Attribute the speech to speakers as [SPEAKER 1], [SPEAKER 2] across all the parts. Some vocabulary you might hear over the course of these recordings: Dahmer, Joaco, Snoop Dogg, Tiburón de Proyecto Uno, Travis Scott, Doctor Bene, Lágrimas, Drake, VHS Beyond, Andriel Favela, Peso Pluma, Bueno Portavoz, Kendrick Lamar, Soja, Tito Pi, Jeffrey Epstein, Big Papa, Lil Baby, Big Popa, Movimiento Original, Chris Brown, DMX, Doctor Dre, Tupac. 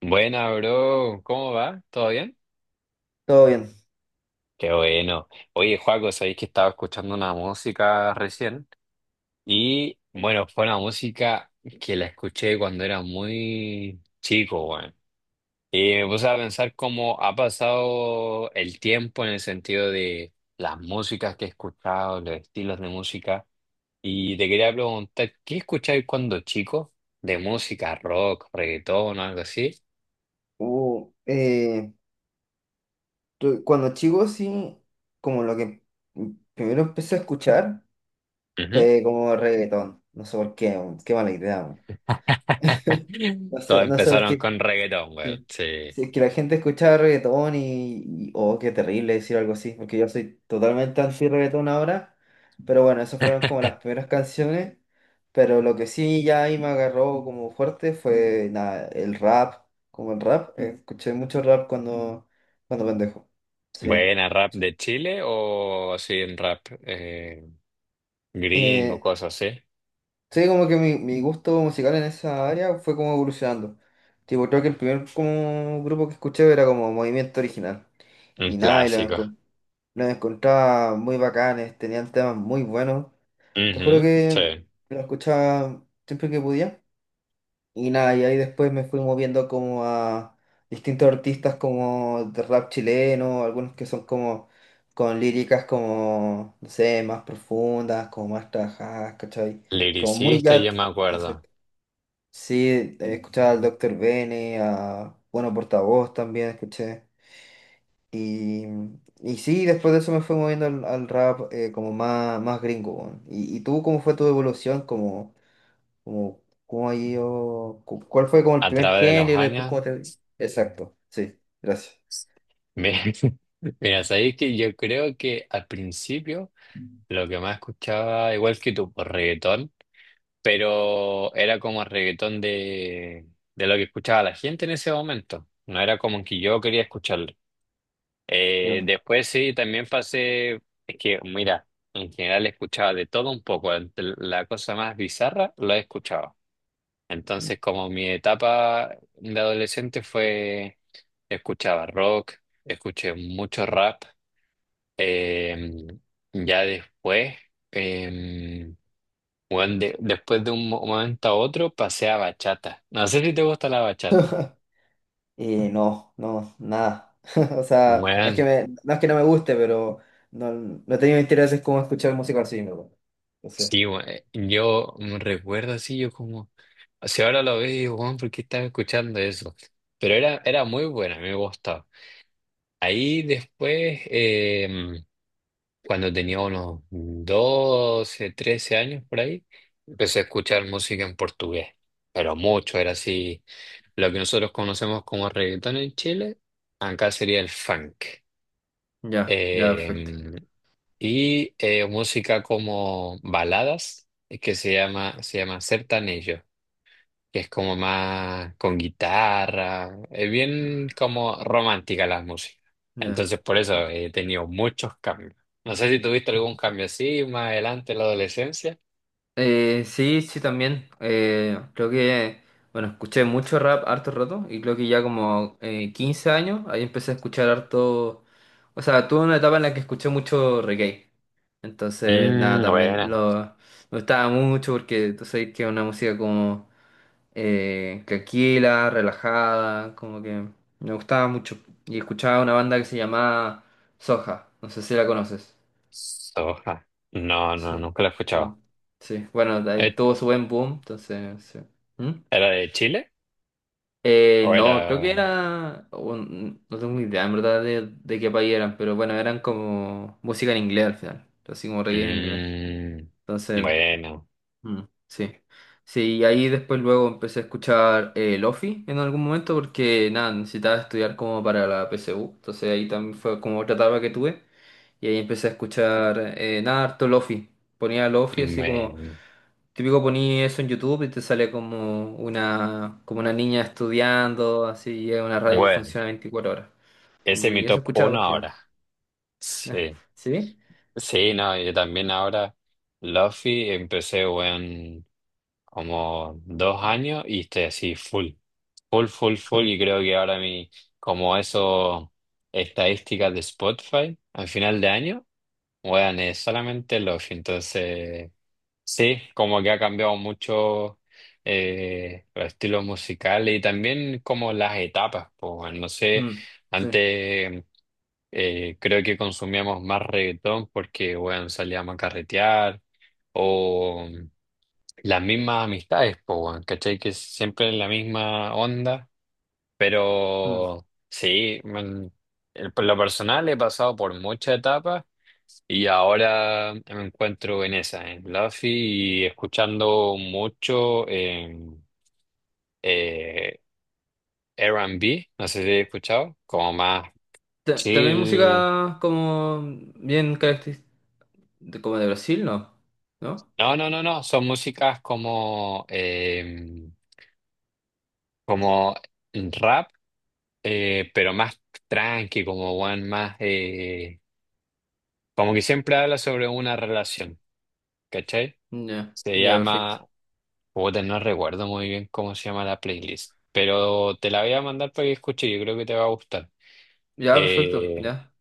[SPEAKER 1] Buena, bro. ¿Cómo va? ¿Todo bien?
[SPEAKER 2] Todo bien.
[SPEAKER 1] Qué bueno. Oye, Joaco, sabéis que estaba escuchando una música recién. Y bueno, fue una música que la escuché cuando era muy chico, bueno. Y me puse a pensar cómo ha pasado el tiempo en el sentido de las músicas que he escuchado, los estilos de música. Y te quería preguntar, ¿qué escucháis cuando chico? ¿De música, rock, reggaetón o algo así?
[SPEAKER 2] Hubo, cuando chico sí, como lo que primero empecé a escuchar
[SPEAKER 1] Ujú.
[SPEAKER 2] fue como reggaetón. No sé por qué, weón, qué mala idea. Weón. No
[SPEAKER 1] Todos
[SPEAKER 2] sé, no sé por
[SPEAKER 1] empezaron
[SPEAKER 2] qué.
[SPEAKER 1] con reggaetón, güey.
[SPEAKER 2] Sí.
[SPEAKER 1] Sí.
[SPEAKER 2] Sí, es que la gente escuchaba reggaetón oh, qué terrible decir algo así, porque yo soy totalmente anti-reggaetón ahora. Pero bueno, esas fueron como las primeras canciones. Pero lo que sí ya ahí me agarró como fuerte fue nada, el rap, como el rap. Escuché mucho rap cuando pendejo. Sí.
[SPEAKER 1] Buena, rap de Chile o así, en rap gringo,
[SPEAKER 2] Eh,
[SPEAKER 1] cosas así.
[SPEAKER 2] sí, como que mi gusto musical en esa área fue como evolucionando. Tipo, creo que el primer como grupo que escuché era como Movimiento Original.
[SPEAKER 1] Un
[SPEAKER 2] Y nada, y lo
[SPEAKER 1] clásico.
[SPEAKER 2] encontré Los encontraba muy bacanes, tenían temas muy buenos. Te juro
[SPEAKER 1] Ujú,
[SPEAKER 2] que
[SPEAKER 1] sí.
[SPEAKER 2] lo escuchaba siempre que podía. Y nada, y ahí después me fui moviendo como a distintos artistas como de rap chileno, algunos que son como con líricas como, no sé, más profundas, como más trabajadas, ¿cachai? Como muy
[SPEAKER 1] Liricista,
[SPEAKER 2] ya...
[SPEAKER 1] yo me acuerdo.
[SPEAKER 2] exacto. Sí, escuchaba al doctor Bene, a Bueno Portavoz también escuché. Y, y sí, después de eso me fui moviendo al rap como más, más gringo, weón. Y tú cómo fue tu evolución? ¿Cómo, cómo ha ido? ¿Cuál fue como el
[SPEAKER 1] A
[SPEAKER 2] primer
[SPEAKER 1] través de los
[SPEAKER 2] género? Y después
[SPEAKER 1] años.
[SPEAKER 2] cómo te... Exacto, sí, gracias.
[SPEAKER 1] Mira, mira, sabéis que yo creo que al principio lo que más escuchaba, igual que tu reggaetón, pero era como reggaetón de lo que escuchaba la gente en ese momento. No era como que yo quería escuchar.
[SPEAKER 2] Ya.
[SPEAKER 1] Después sí, también pasé, es que mira, en general escuchaba de todo un poco, la cosa más bizarra la he escuchado. Entonces como mi etapa de adolescente fue, escuchaba rock, escuché mucho rap, eh, ya después, eh, bueno, después de un momento a otro pasé a bachata. No sé si te gusta la bachata.
[SPEAKER 2] No, no, nada. O sea,
[SPEAKER 1] Bueno,
[SPEAKER 2] no es que no me guste, pero no, no he tenido intereses como escuchar música así, ¿no? Entonces,
[SPEAKER 1] sí, weón, yo me recuerdo así, yo como, o sea, ahora lo veo y digo, weón, ¿por qué estaba escuchando eso? Pero era, era muy buena, me gustaba. Ahí después, cuando tenía unos 12 13 años por ahí, empecé a escuchar música en portugués, pero mucho, era así, lo que nosotros conocemos como reggaetón en Chile, acá sería el funk.
[SPEAKER 2] ya, ya, perfecto.
[SPEAKER 1] Eh, y música como baladas, que se llama Sertanejo, que es como más con guitarra, es bien como romántica la música.
[SPEAKER 2] Ya.
[SPEAKER 1] Entonces por eso he tenido muchos cambios. No sé si tuviste algún cambio así más adelante en la adolescencia.
[SPEAKER 2] Sí, sí, también. Creo que, bueno, escuché mucho rap harto rato y creo que ya como 15 años ahí empecé a escuchar harto. O sea, tuve una etapa en la que escuché mucho reggae. Entonces, nada,
[SPEAKER 1] Mm,
[SPEAKER 2] también
[SPEAKER 1] buena.
[SPEAKER 2] lo, me gustaba mucho porque tú sabes que es una música como tranquila, relajada, como que me gustaba mucho. Y escuchaba una banda que se llamaba Soja, no sé si la conoces.
[SPEAKER 1] Soja. No, no,
[SPEAKER 2] Sí,
[SPEAKER 1] nunca la he escuchado.
[SPEAKER 2] no, sí, bueno, de ahí
[SPEAKER 1] Eh,
[SPEAKER 2] tuvo su buen boom, entonces, sí. ¿Mm?
[SPEAKER 1] ¿Era de Chile? ¿O era...?
[SPEAKER 2] No, creo que no tengo ni idea en verdad de qué país eran, pero bueno, eran como música en inglés al final, así como reggae en inglés.
[SPEAKER 1] Mm,
[SPEAKER 2] Entonces,
[SPEAKER 1] bueno,
[SPEAKER 2] mm, sí, sí, y ahí después luego empecé a escuchar Lofi en algún momento porque nada, necesitaba estudiar como para la PSU, entonces ahí también fue como otra etapa que tuve y ahí empecé a escuchar nada, harto Lofi, ponía Lofi así como,
[SPEAKER 1] bueno.
[SPEAKER 2] típico ponía eso en YouTube y te sale como una niña estudiando, así, y es una radio que
[SPEAKER 1] Bueno.
[SPEAKER 2] funciona 24 horas
[SPEAKER 1] Ese es mi
[SPEAKER 2] y eso
[SPEAKER 1] top
[SPEAKER 2] escuchaba para
[SPEAKER 1] uno
[SPEAKER 2] estudiar,
[SPEAKER 1] ahora. Sí,
[SPEAKER 2] ¿sí?
[SPEAKER 1] sí, no, yo también ahora. Luffy empecé en como dos años y estoy así full, full, full, full. Y creo que ahora mi, como eso, estadísticas de Spotify al final de año, weón, es solamente Luffy. Entonces, sí, como que ha cambiado mucho los estilos musicales y también como las etapas, pues, no sé.
[SPEAKER 2] Mm, sí.
[SPEAKER 1] Antes. Creo que consumíamos más reggaetón porque, bueno, salíamos a carretear o mm, las mismas amistades, pues, bueno, ¿cachai? Que siempre en la misma onda,
[SPEAKER 2] Mm.
[SPEAKER 1] pero sí, man, por lo personal he pasado por muchas etapas y ahora me encuentro en esa, en Luffy y escuchando mucho eh, R&B, no sé si he escuchado, como más
[SPEAKER 2] También
[SPEAKER 1] chill.
[SPEAKER 2] música como bien característica, como de Brasil, ¿no? ¿No?
[SPEAKER 1] No, no, no, no. Son músicas como, como rap, pero más tranqui, como one más, como que siempre habla sobre una relación, ¿cachai?
[SPEAKER 2] Ya,
[SPEAKER 1] Se
[SPEAKER 2] ya, perfecto.
[SPEAKER 1] llama, puta, no recuerdo muy bien cómo se llama la playlist, pero te la voy a mandar para que escuches, yo creo que te va a gustar.
[SPEAKER 2] Ya, perfecto,
[SPEAKER 1] Eh,
[SPEAKER 2] ya.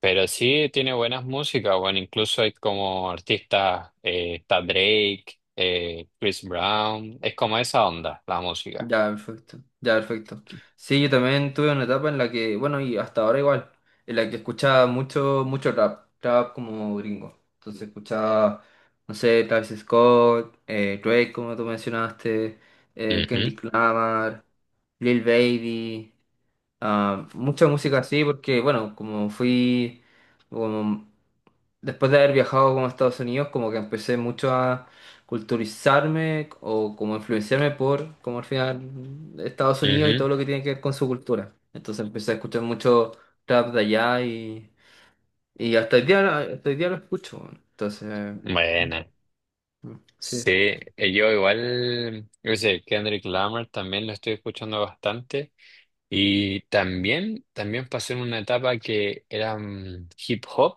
[SPEAKER 1] Pero sí tiene buenas músicas, bueno, incluso hay como artistas, está Drake, Chris Brown, es como esa onda, la música.
[SPEAKER 2] Ya, perfecto. Ya, perfecto. Sí, yo también tuve una etapa en la que, bueno, y hasta ahora igual, en la que escuchaba mucho, mucho rap, rap como gringo. Entonces escuchaba, no sé, Travis Scott, Drake, como tú mencionaste,
[SPEAKER 1] Ujú,
[SPEAKER 2] Kendrick Lamar, Lil Baby, ah, mucha música así, porque, bueno, como fui, como después de haber viajado como a Estados Unidos, como que empecé mucho a culturizarme o como influenciarme por, como al final, Estados Unidos y
[SPEAKER 1] ujú.
[SPEAKER 2] todo lo que tiene que ver con su cultura. Entonces empecé a escuchar mucho trap de allá y hasta el día lo escucho. Weón. Entonces,
[SPEAKER 1] Bueno,
[SPEAKER 2] mm, sí,
[SPEAKER 1] sí, yo igual, yo sé, Kendrick Lamar también lo estoy escuchando bastante y también, también pasé en una etapa que era mm, hip hop,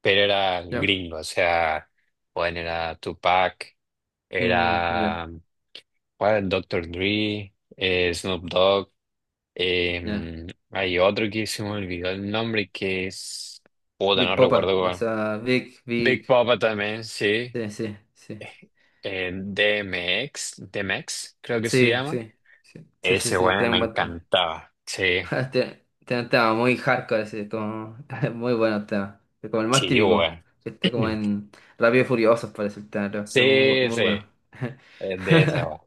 [SPEAKER 1] pero era
[SPEAKER 2] ya.
[SPEAKER 1] gringo, o sea, bueno, era Tupac,
[SPEAKER 2] Mm, ya,
[SPEAKER 1] era ¿cuál? Doctor Dre, Snoop Dogg.
[SPEAKER 2] ya.
[SPEAKER 1] em, hay otro que se me olvidó el nombre que es. Puta,
[SPEAKER 2] Big
[SPEAKER 1] no
[SPEAKER 2] Popa,
[SPEAKER 1] recuerdo
[SPEAKER 2] o
[SPEAKER 1] cuál.
[SPEAKER 2] sea, Big,
[SPEAKER 1] Big
[SPEAKER 2] Big,
[SPEAKER 1] Papa también, sí.
[SPEAKER 2] sí, sí, sí.
[SPEAKER 1] DMX, creo que se
[SPEAKER 2] Sí,
[SPEAKER 1] llama.
[SPEAKER 2] sí, sí, sí, sí,
[SPEAKER 1] Ese,
[SPEAKER 2] sí,
[SPEAKER 1] bueno,
[SPEAKER 2] tiene
[SPEAKER 1] me
[SPEAKER 2] un buen
[SPEAKER 1] encantaba. Sí,
[SPEAKER 2] Te un tema muy hardcore, así, como muy bueno tema. Es como el más
[SPEAKER 1] sí,
[SPEAKER 2] típico.
[SPEAKER 1] bueno.
[SPEAKER 2] Que Está como en Rápido y Furiosos parece el tema, pero muy,
[SPEAKER 1] Sí,
[SPEAKER 2] muy
[SPEAKER 1] sí,
[SPEAKER 2] bueno.
[SPEAKER 1] es de esa, weón.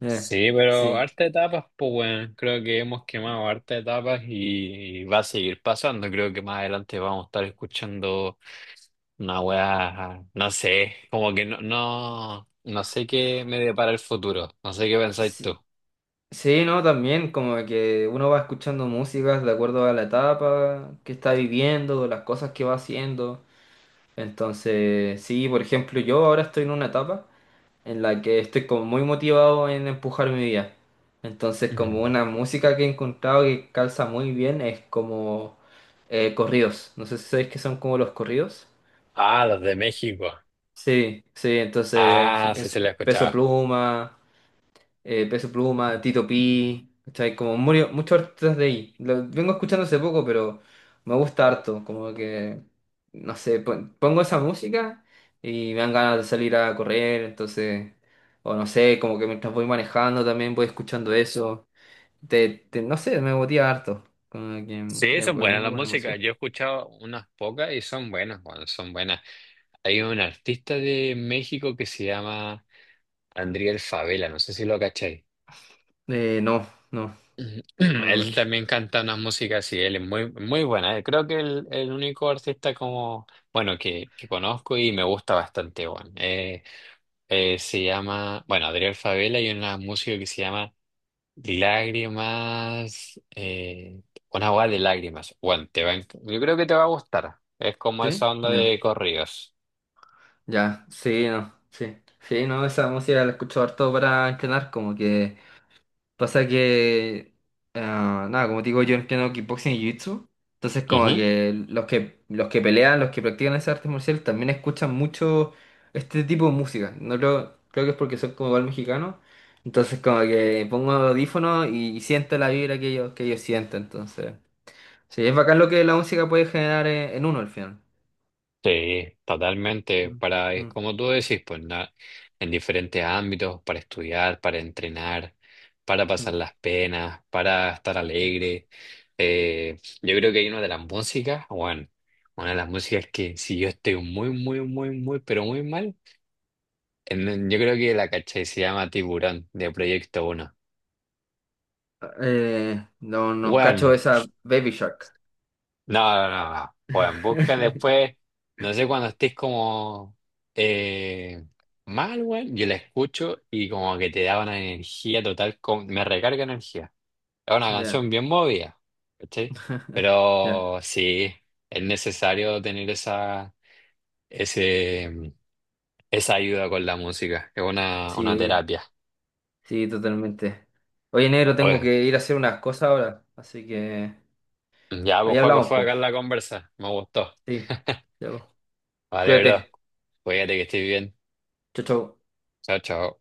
[SPEAKER 2] Eh,
[SPEAKER 1] Sí, pero
[SPEAKER 2] sí.
[SPEAKER 1] harta etapas, pues, bueno, creo que hemos quemado harta etapas y va a seguir pasando. Creo que más adelante vamos a estar escuchando una wea, no sé, como que no, no, no sé qué me depara el futuro, no sé qué pensáis
[SPEAKER 2] Sí.
[SPEAKER 1] tú.
[SPEAKER 2] Sí, no, también como que uno va escuchando músicas de acuerdo a la etapa que está viviendo, las cosas que va haciendo. Entonces, sí, por ejemplo, yo ahora estoy en una etapa en la que estoy como muy motivado en empujar mi vida. Entonces,
[SPEAKER 1] Mm.
[SPEAKER 2] como una música que he encontrado que calza muy bien es como corridos. No sé si sabéis qué son como los corridos.
[SPEAKER 1] Ah, los de México.
[SPEAKER 2] Sí, sí, entonces
[SPEAKER 1] Ah, sí se la
[SPEAKER 2] Peso
[SPEAKER 1] escuchaba.
[SPEAKER 2] Pluma, Tito Pi, ¿cachai? Como muchos artistas de ahí. Lo vengo escuchando hace poco, pero me gusta harto. Como que, no sé, pongo esa música y me dan ganas de salir a correr, entonces, o no sé, como que mientras voy manejando también voy escuchando eso. No sé, me motiva harto. Como que mm,
[SPEAKER 1] Sí,
[SPEAKER 2] es
[SPEAKER 1] son
[SPEAKER 2] es
[SPEAKER 1] buenas
[SPEAKER 2] muy
[SPEAKER 1] las
[SPEAKER 2] buena
[SPEAKER 1] músicas.
[SPEAKER 2] música.
[SPEAKER 1] Yo he escuchado unas pocas y son buenas, bueno, son buenas. Hay un artista de México que se llama Andriel Favela, no sé si lo cacháis.
[SPEAKER 2] No, no,
[SPEAKER 1] Ujú.
[SPEAKER 2] no lo
[SPEAKER 1] Él
[SPEAKER 2] cacho.
[SPEAKER 1] también canta una música así, él es muy, muy buena. Eh. Creo que el único artista como, bueno, que conozco y me gusta bastante, bueno. Se llama, bueno, Adriel Favela y una música que se llama Lágrimas, una agua de lágrimas. Bueno, te va a yo creo que te va a gustar. Es como
[SPEAKER 2] ¿Sí?
[SPEAKER 1] esa onda
[SPEAKER 2] No.
[SPEAKER 1] de corridos.
[SPEAKER 2] Ya, sí, no, sí. Sí, no, esa música la escucho harto para entrenar, como que. Pasa que, ah, nada, como te digo, yo entreno kickboxing y jiu-jitsu. Entonces, como que los que pelean, los que practican esas artes marciales, también escuchan mucho este tipo de música. No creo, creo que es porque soy como igual mexicano. Entonces, como que pongo audífonos y siento la vibra que ellos sienten. Entonces, sí, es bacán lo que la música puede generar en uno al final.
[SPEAKER 1] Sí, totalmente.
[SPEAKER 2] Mm,
[SPEAKER 1] Para, es
[SPEAKER 2] mm,
[SPEAKER 1] como tú decís, pues en diferentes ámbitos, para estudiar, para entrenar, para pasar
[SPEAKER 2] mm,
[SPEAKER 1] las penas, para estar
[SPEAKER 2] ya.
[SPEAKER 1] alegre. Yo creo que hay una de las músicas, bueno, una de las músicas que si yo estoy muy, muy, muy, muy, pero muy mal, yo creo que la caché, se llama Tiburón de Proyecto Uno.
[SPEAKER 2] No, no
[SPEAKER 1] Bueno,
[SPEAKER 2] cacho esa Baby Shark.
[SPEAKER 1] no, no, no, no. Bueno, busca después, no sé, cuando estés como eh, mal, weón, yo la escucho y como que te da una energía total, me recarga energía. Es una
[SPEAKER 2] Ya.
[SPEAKER 1] canción bien movida, ¿cachai?
[SPEAKER 2] Ya.
[SPEAKER 1] Pero sí, es necesario tener esa, ese, esa ayuda con la música, es una
[SPEAKER 2] Sí,
[SPEAKER 1] terapia.
[SPEAKER 2] sí, totalmente. Oye, negro, tengo
[SPEAKER 1] Oye,
[SPEAKER 2] que ir a hacer unas cosas ahora, así que
[SPEAKER 1] ya, pues,
[SPEAKER 2] ahí
[SPEAKER 1] Joaco,
[SPEAKER 2] hablamos,
[SPEAKER 1] fue acá
[SPEAKER 2] pues.
[SPEAKER 1] la conversa, me gustó.
[SPEAKER 2] Sí, ya, po.
[SPEAKER 1] Vale, bro,
[SPEAKER 2] Cuídate.
[SPEAKER 1] cuídate, que estés bien.
[SPEAKER 2] Chau, chau.
[SPEAKER 1] Chao, chao.